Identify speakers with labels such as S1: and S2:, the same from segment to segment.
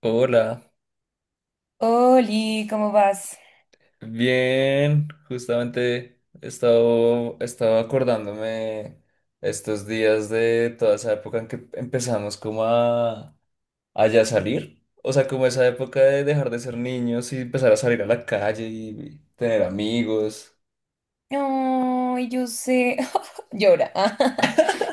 S1: Hola,
S2: Oli, ¿cómo vas?
S1: bien, justamente he estado acordándome estos días de toda esa época en que empezamos como a ya salir, o sea, como esa época de dejar de ser niños y empezar a salir a la calle y tener amigos,
S2: Ay, yo sé. Llora.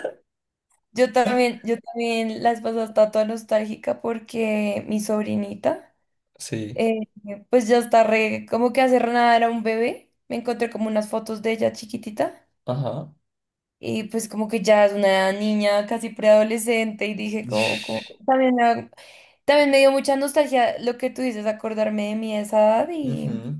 S2: Yo también la vez pasada estaba toda nostálgica porque mi sobrinita,
S1: sí,
S2: eh, pues ya está como que hace nada era un bebé. Me encontré como unas fotos de ella chiquitita
S1: ajá.
S2: y pues como que ya es una niña casi preadolescente y dije como
S1: Ish,
S2: también, también me dio mucha nostalgia lo que tú dices, acordarme de mi esa edad.
S1: ujú.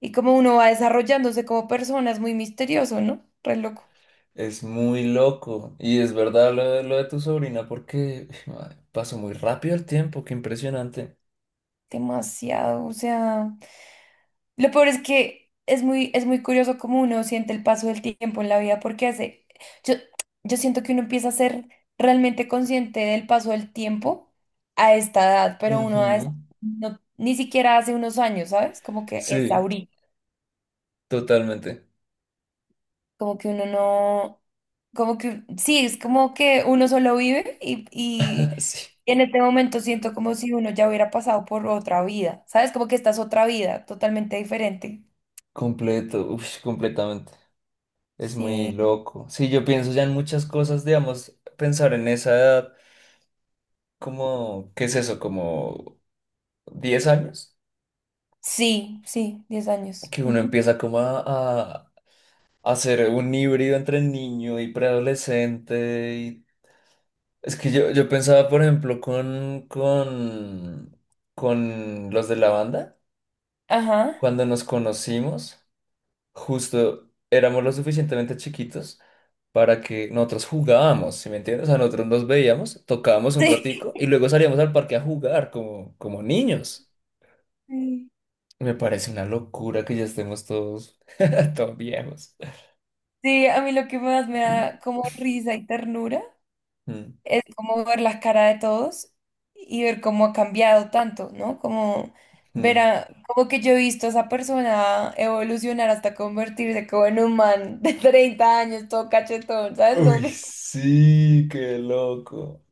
S2: Y como uno va desarrollándose como persona, es muy misterioso, ¿no? Re loco.
S1: Es muy loco y es verdad lo de tu sobrina porque madre, pasó muy rápido el tiempo, qué impresionante.
S2: Demasiado. O sea, lo peor es que es muy curioso cómo uno siente el paso del tiempo en la vida, porque hace. Yo, yo siento que uno empieza a ser realmente consciente del paso del tiempo a esta edad, pero uno a esa-
S1: Ujú,
S2: no- ni siquiera hace unos años, ¿sabes? Como que es
S1: sí.
S2: ahorita.
S1: Totalmente.
S2: Como que uno no, como que, sí, es como que uno solo vive y
S1: Sí,
S2: en este momento siento como si uno ya hubiera pasado por otra vida, ¿sabes? Como que esta es otra vida totalmente diferente.
S1: completo, uf, completamente. Es muy
S2: Sí,
S1: loco. Sí, yo pienso ya en muchas cosas, digamos, pensar en esa edad, como, ¿qué es eso? Como 10 años,
S2: sí, sí, 10 años.
S1: que uno
S2: Ujú.
S1: empieza como a hacer un híbrido entre niño y preadolescente. Y es que yo pensaba, por ejemplo, con los de la banda,
S2: Ajá.
S1: cuando nos conocimos. Justo éramos lo suficientemente chiquitos para que nosotros jugábamos, ¿sí me entiendes? O sea, nosotros nos veíamos, tocábamos un ratico y luego salíamos al parque a jugar como, como niños.
S2: Sí.
S1: Me parece una locura que ya estemos todos, todos viejos.
S2: Sí, a mí lo que más me da como risa y ternura
S1: Mm,
S2: es como ver las caras de todos y ver cómo ha cambiado tanto, ¿no? Como ver
S1: mm.
S2: a, como que yo he visto a esa persona evolucionar hasta convertirse como en un man de 30 años, todo cachetón, ¿sabes? Como
S1: Uy,
S2: que
S1: sí, qué loco.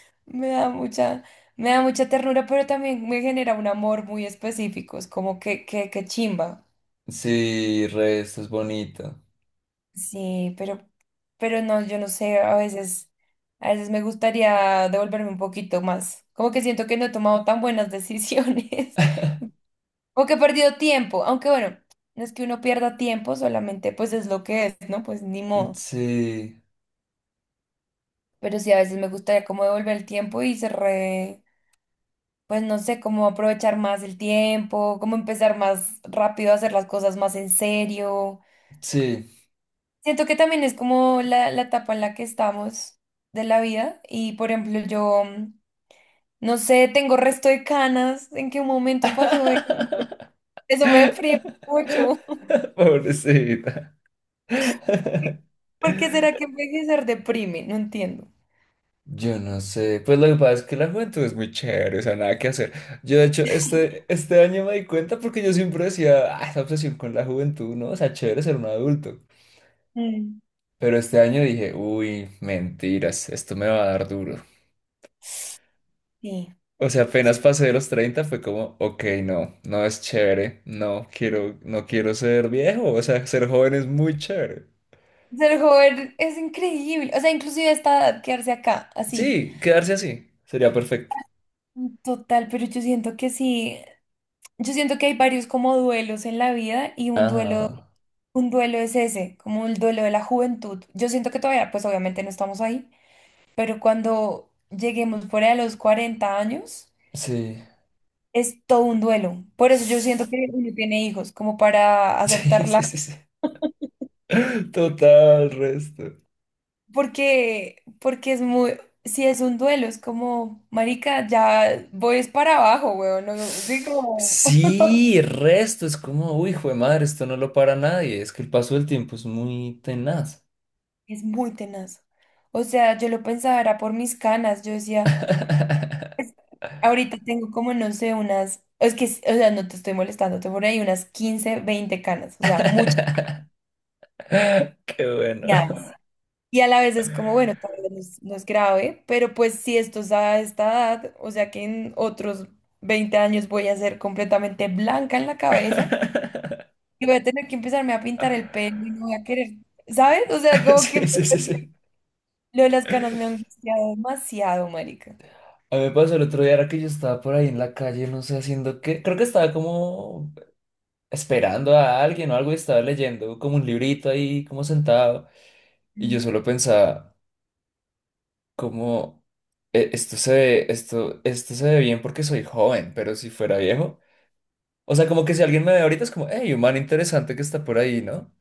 S2: me da mucha, me da mucha ternura, pero también me genera un amor muy específico, es como que chimba.
S1: Sí, re, esto es bonito.
S2: Sí, pero no, yo no sé, a veces me gustaría devolverme un poquito más. Como que siento que no he tomado tan buenas decisiones. O que he perdido tiempo, aunque bueno, no es que uno pierda tiempo, solamente pues es lo que es, ¿no? Pues ni modo.
S1: Sí,
S2: Pero sí, a veces me gustaría como devolver el tiempo y se re, pues no sé, cómo aprovechar más el tiempo, cómo empezar más rápido a hacer las cosas más en serio.
S1: sí.
S2: Siento que también es como la etapa en la que estamos de la vida y, por ejemplo, yo, no sé, tengo resto de canas, ¿en qué momento pasó eso? Eso me deprime mucho.
S1: Pobrecita.
S2: ¿Por qué será que envejecer deprime? No entiendo.
S1: Yo no sé, pues lo que pasa es que la juventud es muy chévere, o sea, nada que hacer. Yo de hecho este año me di cuenta porque yo siempre decía, ah, esa obsesión con la juventud, ¿no? O sea, chévere ser un adulto.
S2: Mm.
S1: Pero este año dije, uy, mentiras, esto me va a dar duro.
S2: Sí,
S1: O sea,
S2: sí.
S1: apenas pasé de los 30 fue como, ok, no, no es chévere, no quiero, no quiero ser viejo, o sea, ser joven es muy chévere.
S2: Ser joven es increíble. O sea, inclusive a esta edad, quedarse acá, así.
S1: Sí, quedarse así, sería perfecto.
S2: Total, pero yo siento que sí. Yo siento que hay varios como duelos en la vida y un duelo,
S1: Ajá,
S2: un duelo es ese, como el duelo de la juventud. Yo siento que todavía, pues obviamente no estamos ahí, pero cuando lleguemos fuera de los 40 años,
S1: sí.
S2: es todo un duelo. Por eso yo siento que uno tiene hijos, como para
S1: Sí, sí,
S2: aceptarla.
S1: sí, sí. Total, resto.
S2: Porque si es un duelo, es como, marica, ya voy es para abajo, weón, no, sí, como,
S1: Sí, resto, es como, uy, jue madre, esto no lo para nadie, es que el paso del tiempo es muy tenaz.
S2: es muy tenaz. O sea, yo lo pensaba, era por mis canas, yo decía, ahorita tengo como, no sé, unas, es que, o sea, no te estoy molestando, tengo por ahí unas 15 20 canas, o sea, muchas
S1: Qué bueno.
S2: canas. Y a la vez es como, bueno, tal vez no es, no es grave, pero pues si esto es a esta edad, o sea que en otros 20 años voy a ser completamente blanca en la cabeza. Y voy a tener que empezarme a pintar el pelo y no voy a querer, ¿sabes? O sea, como
S1: Sí,
S2: que
S1: sí, sí, sí.
S2: lo de las canas me ha angustiado demasiado, marica.
S1: A mí me pasó el otro día, era que yo estaba por ahí en la calle, no sé, haciendo qué, creo que estaba como esperando a alguien o algo y estaba leyendo como un librito ahí, como sentado, y yo
S2: Mm.
S1: solo pensaba... como "E- esto se ve bien porque soy joven, pero si fuera viejo." O sea, como que si alguien me ve ahorita es como, hey, un man interesante que está por ahí, ¿no?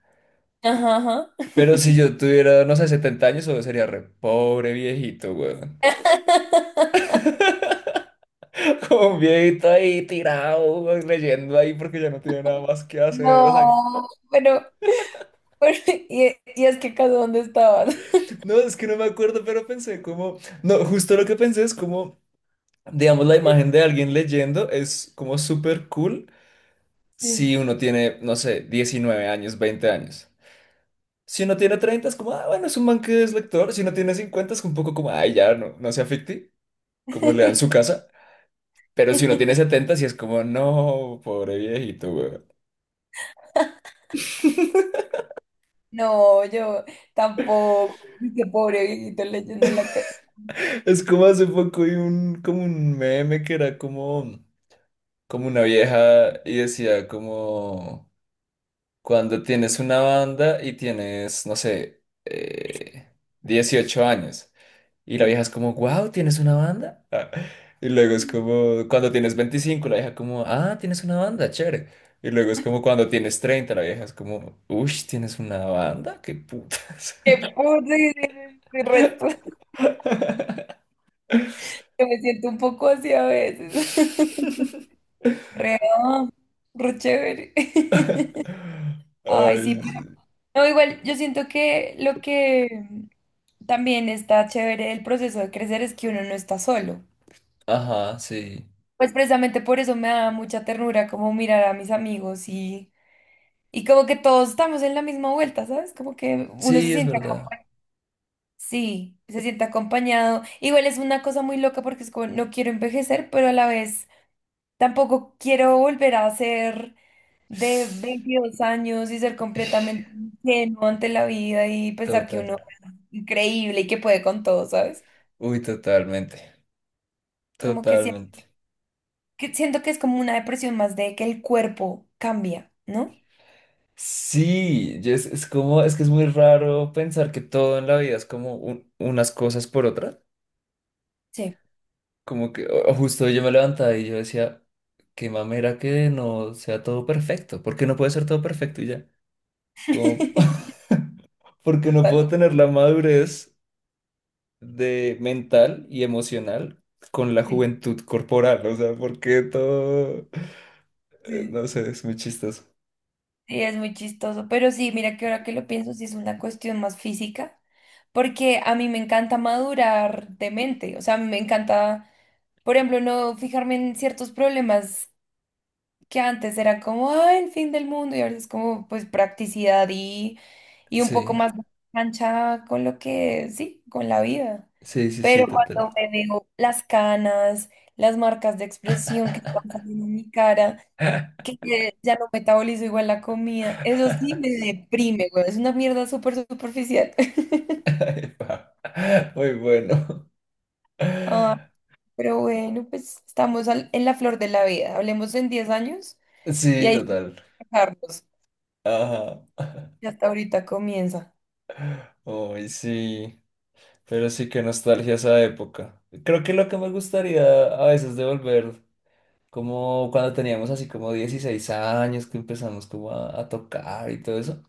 S2: Ajá, ajá.
S1: Pero si yo tuviera, no sé, 70 años, solo sería re pobre viejito, weón. Como un viejito ahí tirado, weón, leyendo ahí porque ya no tiene nada más que hacer. O sea,
S2: No, pero- y es que acaso ¿dónde estabas?
S1: no, es que no me acuerdo, pero pensé como, no, justo lo que pensé es como, digamos, la imagen de alguien leyendo es como súper cool
S2: Sí.
S1: si uno tiene, no sé, 19 años, 20 años. Si uno tiene 30 es como, ah, bueno, es un man que es lector. Si uno tiene 50 es un poco como, ay, ya, no, no se afecte, como le dan su casa. Pero si uno tiene 70, sí es como, no, pobre viejito, weón.
S2: No, yo tampoco. Qué pobre viejito leyendo en la calle.
S1: Es como hace poco hay un, como un meme que era como, como una vieja y decía como, cuando tienes una banda y tienes, no sé, 18 años. Y la
S2: Qué
S1: vieja es como, wow, ¿tienes una banda? Ah, y luego es como, cuando tienes 25 la vieja como, ah, tienes una banda, chévere. Y luego es como cuando tienes treinta la vieja es como, uy, ¿tienes una banda? ¡Qué putas!
S2: pobre el resto. Yo me siento un poco así a veces. Rea, re chévere. Ay, sí,
S1: Ay,
S2: pero
S1: sí.
S2: no, igual yo siento que lo que también está chévere del proceso de crecer es que uno no está solo.
S1: Ajá, sí.
S2: Pues precisamente por eso me da mucha ternura como mirar a mis amigos y como que todos estamos en la misma vuelta, ¿sabes? Como que uno se
S1: Sí, es
S2: siente,
S1: verdad.
S2: sí, se siente acompañado. Igual es una cosa muy loca porque es como, no quiero envejecer, pero a la vez tampoco quiero volver a ser de 22 años y ser completamente ingenuo ante la vida y pensar que
S1: Total.
S2: uno es increíble y que puede con todo, ¿sabes?
S1: Uy, totalmente.
S2: Como que,
S1: Totalmente.
S2: que siento que es como una depresión más de que el cuerpo cambia, ¿no?
S1: Sí, y es como, es que es muy raro pensar que todo en la vida es como un- unas cosas por otras.
S2: Sí.
S1: Como que o justo yo me levantaba y yo decía, qué mamera que no sea todo perfecto, porque no puede ser todo perfecto y ya. Como, porque no
S2: Total.
S1: puedo tener la madurez de mental y emocional con la
S2: Sí.
S1: juventud corporal, o sea, porque todo,
S2: Sí,
S1: no sé, es muy chistoso.
S2: Sí, es muy chistoso, pero sí, mira que ahora que lo pienso, sí es una cuestión más física, porque a mí me encanta madurar de mente, o sea, a mí me encanta, por ejemplo, no fijarme en ciertos problemas que antes era como, "Ay, el fin del mundo" y ahora es como pues practicidad y un poco
S1: Sí,
S2: más cancha con lo que, sí, con la vida.
S1: sí, sí, sí,
S2: Pero
S1: total.
S2: cuando me veo las canas, las marcas de expresión que están saliendo en mi cara, que ya no metabolizo igual la comida, eso sí me deprime, güey. Es una mierda súper superficial.
S1: Epa, muy bueno.
S2: Ah, pero bueno, pues estamos en la flor de la vida. Hablemos en 10 años y
S1: Sí,
S2: ahí sí
S1: total.
S2: dejarnos.
S1: Ajá.
S2: Y hasta ahorita comienza.
S1: Uy, sí. Pero sí, qué nostalgia esa época. Creo que lo que me gustaría a veces de volver, como cuando teníamos así como 16 años, que empezamos como a tocar y todo eso,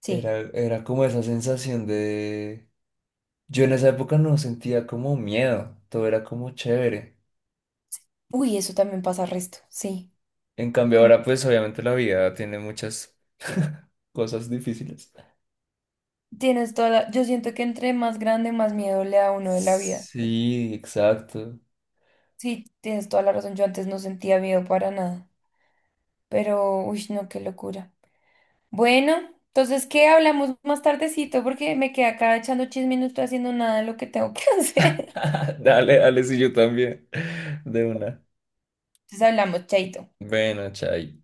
S2: Sí.
S1: era como esa sensación de... Yo en esa época no sentía como miedo, todo era como chévere.
S2: Uy, eso también pasa resto, sí.
S1: En cambio
S2: Como
S1: ahora pues obviamente la vida tiene muchas cosas difíciles.
S2: tienes toda la- Yo siento que entre más grande, más miedo le da a uno de la vida.
S1: Sí, exacto.
S2: Sí, tienes toda la razón. Yo antes no sentía miedo para nada. Pero, uy, no, qué locura. Bueno, entonces, ¿qué hablamos más tardecito? Porque me quedé acá echando chisme y no estoy haciendo nada de lo que tengo que hacer.
S1: Dale, dale, si yo también. De una.
S2: Entonces hablamos, chaito.
S1: Bueno, chay.